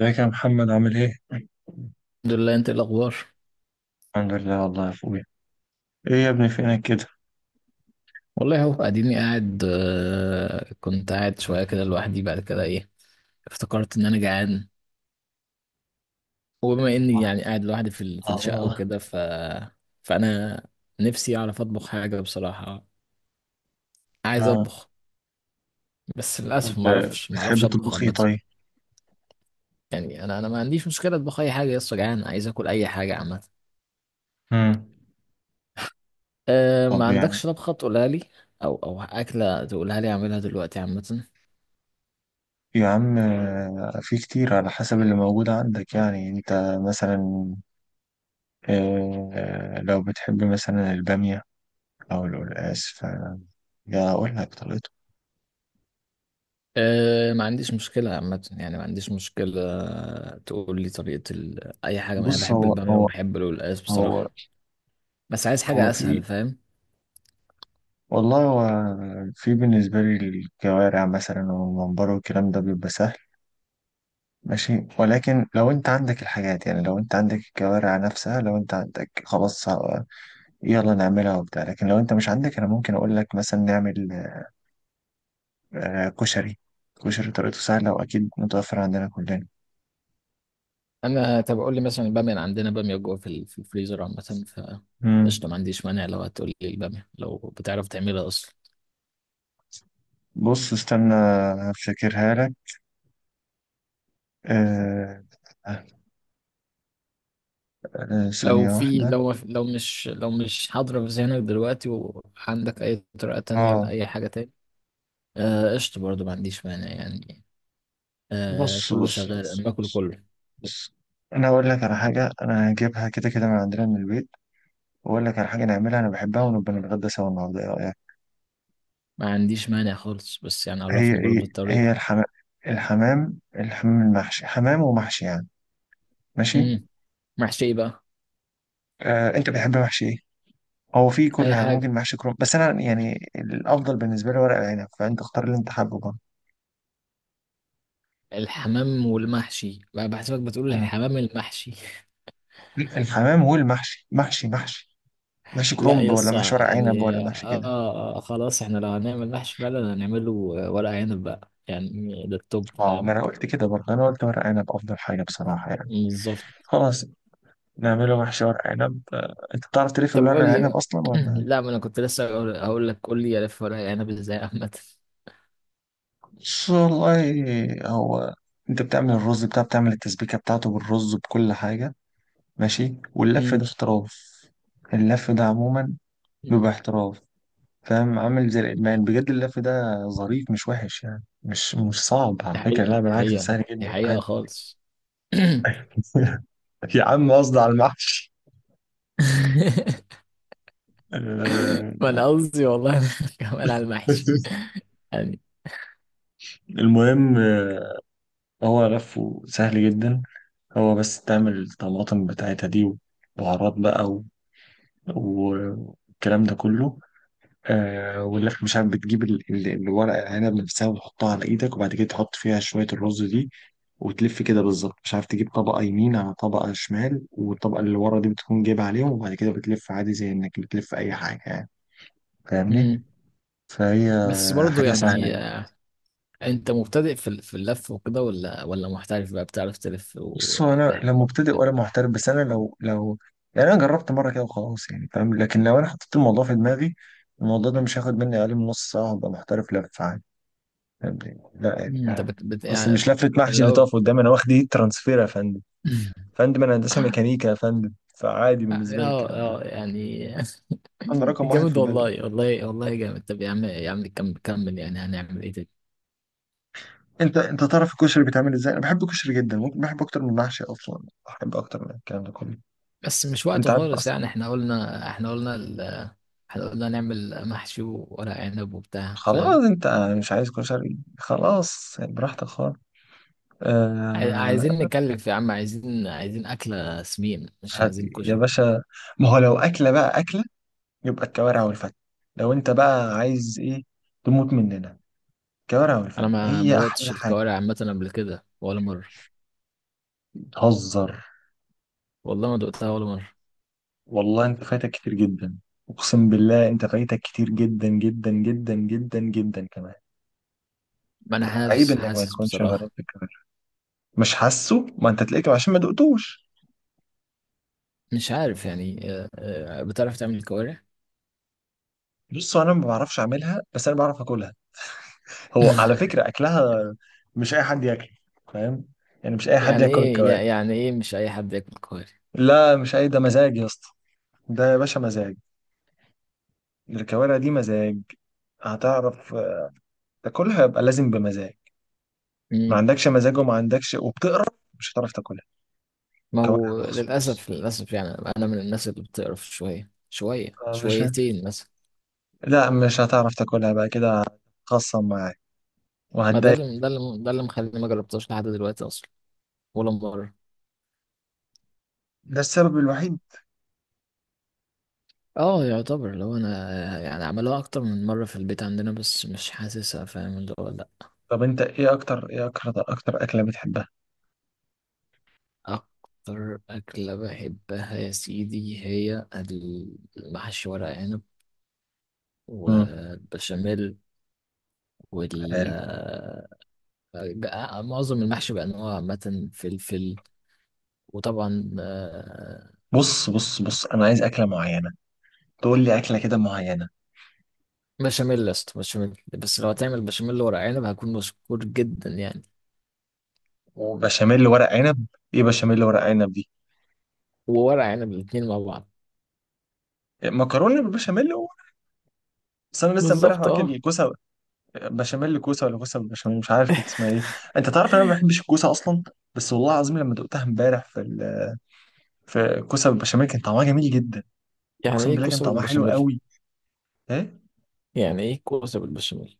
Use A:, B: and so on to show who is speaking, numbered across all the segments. A: ازيك يا محمد عامل ايه؟
B: الحمد لله، انت ايه الاخبار؟
A: الحمد لله والله يا اخويا. ايه يا ابني فينك كده؟
B: والله اهو اديني قاعد، كنت قاعد شويه كده لوحدي. بعد كده ايه، افتكرت ان انا جعان. وبما اني يعني
A: اه.
B: قاعد لوحدي في الشقه
A: آه.
B: وكده، فانا نفسي اعرف اطبخ حاجه بصراحه. عايز
A: آه.
B: اطبخ بس للاسف
A: طب
B: ما اعرفش ما
A: بتحب
B: اعرفش اطبخ
A: تطبخ ايه
B: عامه.
A: طيب؟
B: يعني انا ما عنديش مشكله اطبخ اي حاجه، لسه جعان عايز اكل اي حاجه عامه.
A: امم.
B: أه، ما
A: طب يعني.
B: عندكش طبخه تقولها لي؟ او اكله تقولها لي اعملها دلوقتي عامه.
A: يا عم في كتير على حسب اللي موجود عندك يعني انت مثلا. لو بتحب مثلا البامية او القلقاس فيا، اقول لك طريقته.
B: أه، ما عنديش مشكلة عامة، يعني ما عنديش مشكلة. تقول لي طريقة أي حاجة. أنا
A: بص
B: بحب البامية وبحب القلقاس بصراحة،
A: هو
B: بس عايز
A: هو
B: حاجة أسهل،
A: في.
B: فاهم؟
A: والله هو في بالنسبة لي الكوارع مثلا والممبار والكلام ده بيبقى سهل ماشي، ولكن لو انت عندك الحاجات يعني لو انت عندك الكوارع نفسها لو انت عندك خلاص، يلا نعملها وبتاع. لكن لو انت مش عندك انا ممكن اقول لك مثلا نعمل كشري. كشري طريقته سهلة واكيد متوفر عندنا كلنا.
B: أنا طب قول لي مثلا البامية، أنا عندنا بامية جوه في الفريزر عامة. ف
A: مم.
B: قشطة، ما عنديش مانع لو هتقول لي البامية، لو بتعرف تعملها أصلا.
A: بص استنى، هفتكرها لك. آه،
B: لو
A: ثانية
B: في
A: واحدة.
B: لو لو مش لو مش حاضرة في ذهنك دلوقتي، وعندك أي طريقة تانية
A: اه.
B: لأي حاجة تاني، قشطة. قشطة برضه، ما عنديش مانع يعني.
A: بص
B: كله
A: بص
B: شغال، أنا
A: بص
B: باكل
A: بص،
B: كله.
A: بص. انا اقول لك على حاجة انا هجيبها كده كده من عندنا من البيت، واقول لك على حاجة نعملها انا بحبها ونبقى نتغدى سوا النهاردة.
B: ما عنديش مانع خالص، بس يعني
A: هي
B: عرفني برضو
A: ايه؟ هي
B: الطريقة.
A: الحمام. الحمام المحشي، حمام ومحشي يعني. ماشي.
B: امم. محشي إيه بقى؟
A: آه، انت بتحب محشي ايه؟ هو في
B: اي
A: كلها ممكن،
B: حاجة.
A: محشي كرنب بس انا يعني الافضل بالنسبه لي ورق العنب، فانت اختار اللي انت حابه برضه.
B: الحمام والمحشي بقى بحسبك، بتقول
A: مم.
B: الحمام المحشي.
A: الحمام والمحشي، محشي. محشي
B: لا
A: كرنب ولا محشي
B: يصع
A: ورق عنب
B: يعني،
A: ولا محشي كده؟
B: خلاص، احنا لو هنعمل محشي فعلا هنعمله ورق عنب بقى، يعني ده التوب،
A: اه، ما
B: فاهم؟
A: انا قلت كده برضه، انا قلت ورق عنب افضل حاجه بصراحه يعني.
B: بالظبط.
A: خلاص، نعمله محشي ورق عنب. انت بتعرف تلف
B: طب
A: الورق
B: قول
A: العنب
B: لي
A: اصلا ولا؟
B: لا، ما انا كنت لسه هقول لك قول لي الف ورق عنب ازاي عامة.
A: بص، والله هو. انت بتعمل الرز بتاع، بتعمل التسبيكة بتاعته بالرز بكل حاجة، ماشي، واللف
B: امم.
A: ده احتراف. اللف ده عموما بيبقى احتراف، فاهم؟ عامل زي الإدمان بجد اللف ده. ظريف، مش وحش يعني، مش صعب على
B: دي
A: فكرة،
B: حقيقة،
A: لا
B: دي
A: بالعكس ده
B: حقيقة،
A: سهل
B: دي
A: جدا
B: حقيقة
A: عادي.
B: خالص.
A: يا عم قصدي على المحشي.
B: ما
A: آه،
B: انا قصدي والله كمان على المحشي يعني.
A: المهم هو لفه سهل جدا. هو بس تعمل الطماطم بتاعتها دي وبهارات بقى، والكلام ده كله، ولا مش عارف، بتجيب الورق العنب نفسها وتحطها على ايدك، وبعد كده تحط فيها شوية الرز دي وتلف كده بالظبط، مش عارف، تجيب طبقة يمين على طبقة شمال والطبقة اللي ورا دي بتكون جايبها عليهم، وبعد كده بتلف عادي زي انك بتلف اي حاجة يعني. فاهمني؟
B: امم.
A: فهي
B: بس برضه
A: حاجة سهلة
B: يعني،
A: يعني.
B: انت مبتدئ في اللف وكده ولا محترف بقى، بتعرف تلف
A: بص هو انا لا
B: وباحترام
A: مبتدئ
B: وكده؟
A: ولا محترف، بس انا لو يعني انا جربت مرة كده وخلاص يعني، فاهم؟ لكن لو انا حطيت الموضوع في دماغي، الموضوع ده مش هياخد مني اقل من نص ساعة وهبقى محترف لف عادي. فاهمني؟ لا
B: مم، انت
A: يعني،
B: بت, بت
A: اصل
B: يعني،
A: مش لفه محشي اللي
B: لو
A: تقف قدامي. انا واخد ايه؟ ترانسفير يا فندم. فندم، انا هندسه
B: اه،
A: ميكانيكا يا فندم. فعادي بالنسبه لي الكلام ده.
B: اه يعني.
A: انا رقم واحد في
B: جامد
A: البلد.
B: والله، والله والله جامد. طب يا عم، يا عم، كمل كمل، يعني هنعمل ايه تاني؟
A: انت تعرف الكشري بيتعمل ازاي؟ انا بحب الكشري جدا، ممكن بحب اكتر من المحشي اصلا، بحب اكتر من الكلام ده كله.
B: بس مش
A: انت
B: وقته
A: عارف
B: خالص
A: اصلا.
B: يعني. احنا قلنا نعمل محشي وورق عنب وبتاع.
A: خلاص انت مش عايز كشري، خلاص يعني، براحتك خالص. آه
B: عايزين نكلف يا عم، عايزين أكلة سمين، مش عايزين
A: يا
B: كشري.
A: باشا، ما هو لو اكله بقى اكله، يبقى الكوارع والفتة. لو انت بقى عايز ايه تموت مننا، الكوارع
B: أنا
A: والفن
B: ما
A: هي
B: دقتش
A: أحلى حاجة.
B: الكوارع عامة قبل كده ولا مرة.
A: بتهزر؟
B: والله ما دقتها ولا مرة.
A: والله أنت فايتك كتير جدا. أقسم بالله أنت فايتك كتير جدا جدا جدا جدا جدا كمان.
B: ما أنا
A: لا، عيب
B: حاسس
A: إنك ما
B: حاسس
A: تكونش
B: بصراحة.
A: جربت الكوارع. مش حاسه، ما أنت تلاقيك عشان ما دقتوش.
B: مش عارف يعني، بتعرف تعمل كوارع؟
A: بص، أنا ما بعرفش أعملها بس أنا بعرف أكلها. هو على فكرة أكلها مش أي حد ياكله، فاهم؟ يعني مش أي حد ياكل الكوارع.
B: يعني إيه مش أي حد ياكل كوارع؟
A: لا، مش أي، ده مزاج يا اسطى. ده يا باشا مزاج. الكوارع دي مزاج. هتعرف تاكلها يبقى لازم بمزاج. ما
B: مم.
A: عندكش مزاج، وما عندكش، وبتقرا، مش هتعرف تاكلها.
B: ما
A: كوارع
B: هو
A: مخصوص.
B: للأسف، للأسف يعني، أنا من الناس اللي بتقرف شوية شوية،
A: مش.
B: شويتين مثلا.
A: لا مش هتعرف تاكلها بقى كده، هتخصم معاك
B: ما ده
A: وهتضايق.
B: اللي، ده اللي مخليني ما جربتهاش لحد دلوقتي أصلا، ولا مرة.
A: ده السبب الوحيد.
B: اه، يعتبر لو انا يعني عملوها اكتر من مرة في البيت عندنا، بس مش حاسسها، فاهم اللي هو؟ لا.
A: طب انت ايه اكتر اكله بتحبها؟
B: اكتر اكلة بحبها يا سيدي هي المحشي ورق عنب
A: امم.
B: والبشاميل وال
A: حلو.
B: معظم المحشي بانواعه عامة، فلفل، وطبعا
A: بص بص بص، انا عايز اكله معينه، تقول لي اكله كده معينه.
B: بشاميل يا اسطى، بشاميل. بس لو هتعمل بشاميل ورق عنب، هكون مشكور جدا يعني.
A: وبشاميل ورق عنب. ايه بشاميل ورق عنب دي؟
B: وورق عنب الاتنين مع بعض.
A: مكرونه بالبشاميل و- بس انا لسه امبارح
B: بالظبط،
A: واكل
B: اه.
A: الكوسه، بشاميل كوسه ولا كوسه بالبشاميل، مش عارف كانت اسمها ايه. انت تعرف ان انا ما بحبش الكوسه اصلا. بس والله العظيم لما دقتها امبارح في كوسه بالبشاميل كان طعمها جميل جدا.
B: يعني
A: اقسم
B: ايه
A: بالله كان
B: كوسه
A: طعمها حلو
B: بالبشاميل؟
A: قوي. ايه؟
B: يعني ايه كوسه بالبشاميل؟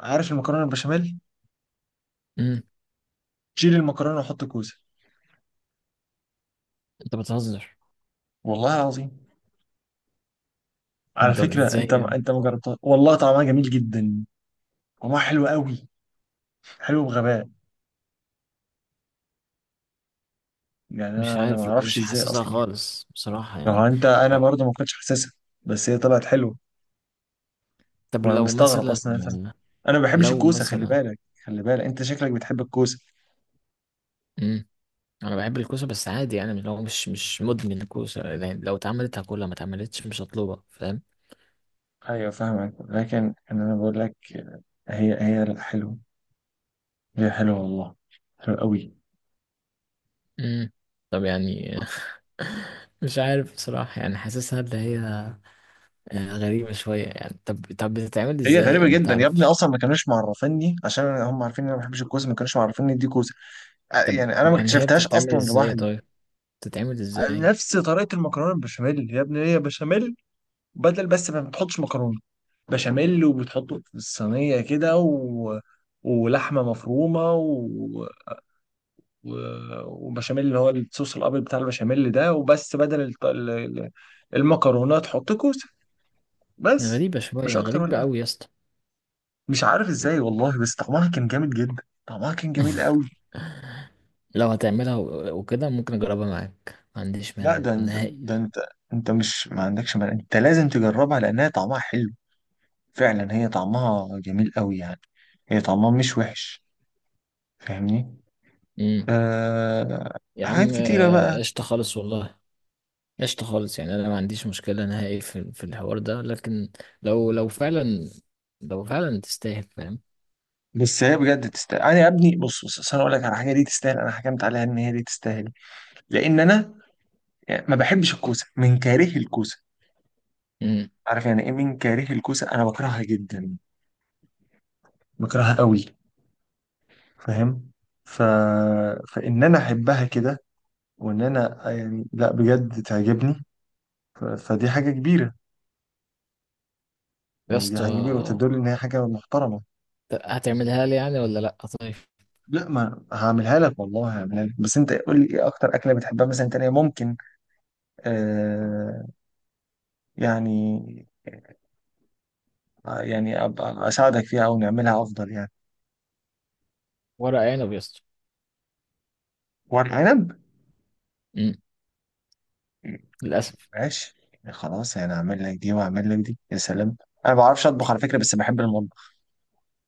A: عارف المكرونه بالبشاميل،
B: امم.
A: شيل المكرونه وحط كوسه.
B: انت بتهزر.
A: والله العظيم. على
B: الدر
A: فكره
B: ازاي
A: انت
B: يعني؟
A: انت ما جربتها، والله طعمها جميل جدا. طعمها حلو قوي. حلو بغباء. يعني
B: مش
A: انا
B: عارف،
A: ما
B: لا
A: اعرفش
B: مش
A: ازاي
B: حاسسها
A: اصلا.
B: خالص بصراحه
A: لو
B: يعني.
A: انت، انا
B: طب
A: برضه ما كنتش حاسسها، بس هي طلعت حلوه.
B: طب،
A: هو انا
B: لو
A: مستغرب
B: مثلا
A: اصلا انا. أنا ما بحبش
B: لو
A: الكوسه خلي
B: مثلا
A: بالك. خلي بالك انت شكلك بتحب الكوسه.
B: امم. انا بحب الكوسه بس عادي يعني، لو مش مدمن الكوسه يعني، لو اتعملت هاكلها، ما اتعملتش مش هطلبها، فاهم؟
A: ايوه فاهمك، لكن انا بقول لك هي لا حلوه. هي حلوه والله. حلوه قوي.
B: امم. طب يعني مش عارف بصراحه يعني، حاسسها اللي هي غريبه شويه يعني. طب طب، بتتعمل
A: هي
B: ازاي
A: غريبه
B: او ما
A: جدا يا ابني،
B: تعرفش؟
A: اصلا ما كانوش معرفيني عشان هم عارفين ان انا ما بحبش الكوسه، ما كانوش معرفيني دي كوسه.
B: طب
A: يعني انا ما
B: يعني هي
A: اكتشفتهاش
B: بتتعمل
A: اصلا
B: ازاي
A: لوحدي.
B: طيب؟ بتتعمل ازاي؟
A: نفس طريقه المكرونه البشاميل يا ابني، هي بشاميل، بدل بس ما بتحطش مكرونه. بشاميل وبتحطه في الصينيه كده ولحمه مفرومه وبشاميل اللي هو الصوص الابيض بتاع البشاميل ده وبس، بدل المكرونات حط كوسه، بس.
B: غريبة شوية،
A: مش اكتر
B: غريبة
A: ولا أقل.
B: أوي يا اسطى.
A: مش عارف ازاي والله، بس طعمها كان جامد جدا. طعمها كان جميل قوي.
B: لو هتعملها و- وكده، ممكن أجربها معاك، ما عنديش
A: لا
B: مانع
A: ده،
B: نهائي.
A: ده انت، انت مش ما عندكش مال. انت لازم تجربها لانها طعمها حلو فعلا. هي طعمها جميل قوي يعني. هي طعمها مش وحش، فاهمني؟
B: امم.
A: آه
B: يا
A: حاجات
B: عم،
A: كتيرة بقى.
B: قشطة خالص والله. قشطة خالص يعني، أنا ما عنديش مشكلة نهائي في الحوار ده، لكن لو لو فعلا لو فعلا تستاهل، فاهم؟
A: بس هي بجد تستاهل. انا يا ابني بص بص، أصل انا اقول لك على حاجه دي تستاهل انا حكمت عليها ان هي دي تستاهل. لان انا ما بحبش الكوسه من كاره الكوسه.
B: امم.
A: عارف يعني ايه من كاره الكوسه؟ انا بكرهها جدا، بكرهها قوي، فاهم؟ ف... فان انا احبها كده، وان انا يعني لا بجد تعجبني. فدي حاجه كبيره،
B: يا
A: يعني دي
B: اسطى،
A: حاجه كبيره وتدل ان هي حاجه محترمه.
B: هتعملها لي يعني ولا لأ طيب؟
A: لا ما هعملها لك، والله هعملها لك، بس انت قول لي ايه اكتر اكله بتحبها مثلا تانية ممكن. آه يعني يعني ابقى اساعدك فيها او نعملها افضل يعني.
B: ورق عنب يا اسطى.
A: ورق عنب.
B: امم. للأسف.
A: ماشي. خلاص انا اعمل لك دي واعمل لك دي، يا سلام. انا ما بعرفش اطبخ على فكره، بس بحب المطبخ.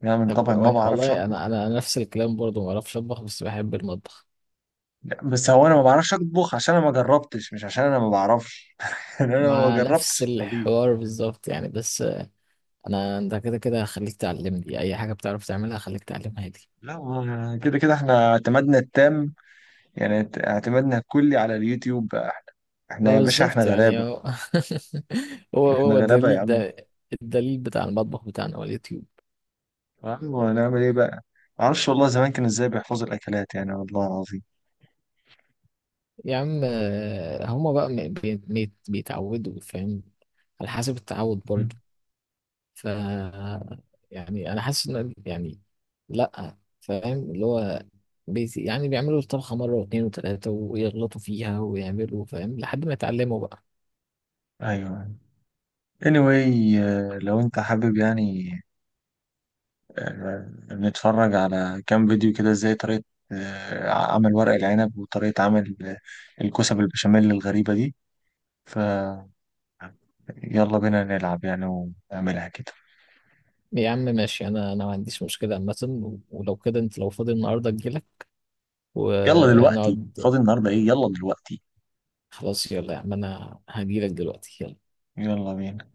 A: يعني انا من
B: طب
A: طبعي ما بعرفش
B: والله
A: اطبخ.
B: أنا نفس الكلام برضه، ما أعرفش أطبخ بس بحب المطبخ.
A: لا، بس هو انا ما بعرفش اطبخ عشان انا ما جربتش، مش عشان انا ما بعرفش. يعني انا ما
B: مع نفس
A: جربتش الطبيخ.
B: الحوار بالظبط يعني. بس انت كده كده هخليك تعلمني اي حاجه بتعرف تعملها، هخليك تعلمها لي.
A: لا كده كده احنا اعتمادنا التام. يعني اعتمادنا الكلي على اليوتيوب بقى. احنا
B: ما
A: يا باشا، احنا
B: بالظبط يعني،
A: غلابه.
B: هو هو
A: احنا
B: هو
A: غلابه يا
B: الدليل
A: عم.
B: ده، الدليل بتاع المطبخ بتاعنا هو اليوتيوب.
A: ايوه هنعمل ايه بقى؟ ما اعرفش والله زمان كانوا ازاي بيحفظوا الاكلات يعني، والله العظيم.
B: يا عم، هما بقى بيتعودوا، فاهم؟ على حسب التعود
A: مم.
B: برضه. ف يعني انا حاسس ان يعني، لا فاهم اللي هو يعني بيعملوا الطبخه مره واثنين وثلاثه ويغلطوا فيها ويعملوا، فاهم، لحد ما يتعلموا بقى.
A: ايوه anyway، لو انت حابب يعني، آه، بنتفرج على كام فيديو كده، ازاي طريقة عمل ورق العنب وطريقة عمل الكوسة بالبشاميل الغريبة دي. ف يلا بينا نلعب يعني ونعملها كده.
B: يا عم ماشي، انا ما عنديش مشكله عامه. و- ولو كده انت لو فاضي النهارده، اجيلك
A: يلا دلوقتي
B: ونقعد.
A: فاضي النهاردة ايه، يلا دلوقتي.
B: خلاص يلا يا عم، انا هجيلك دلوقتي، يلا.
A: يلا بينا.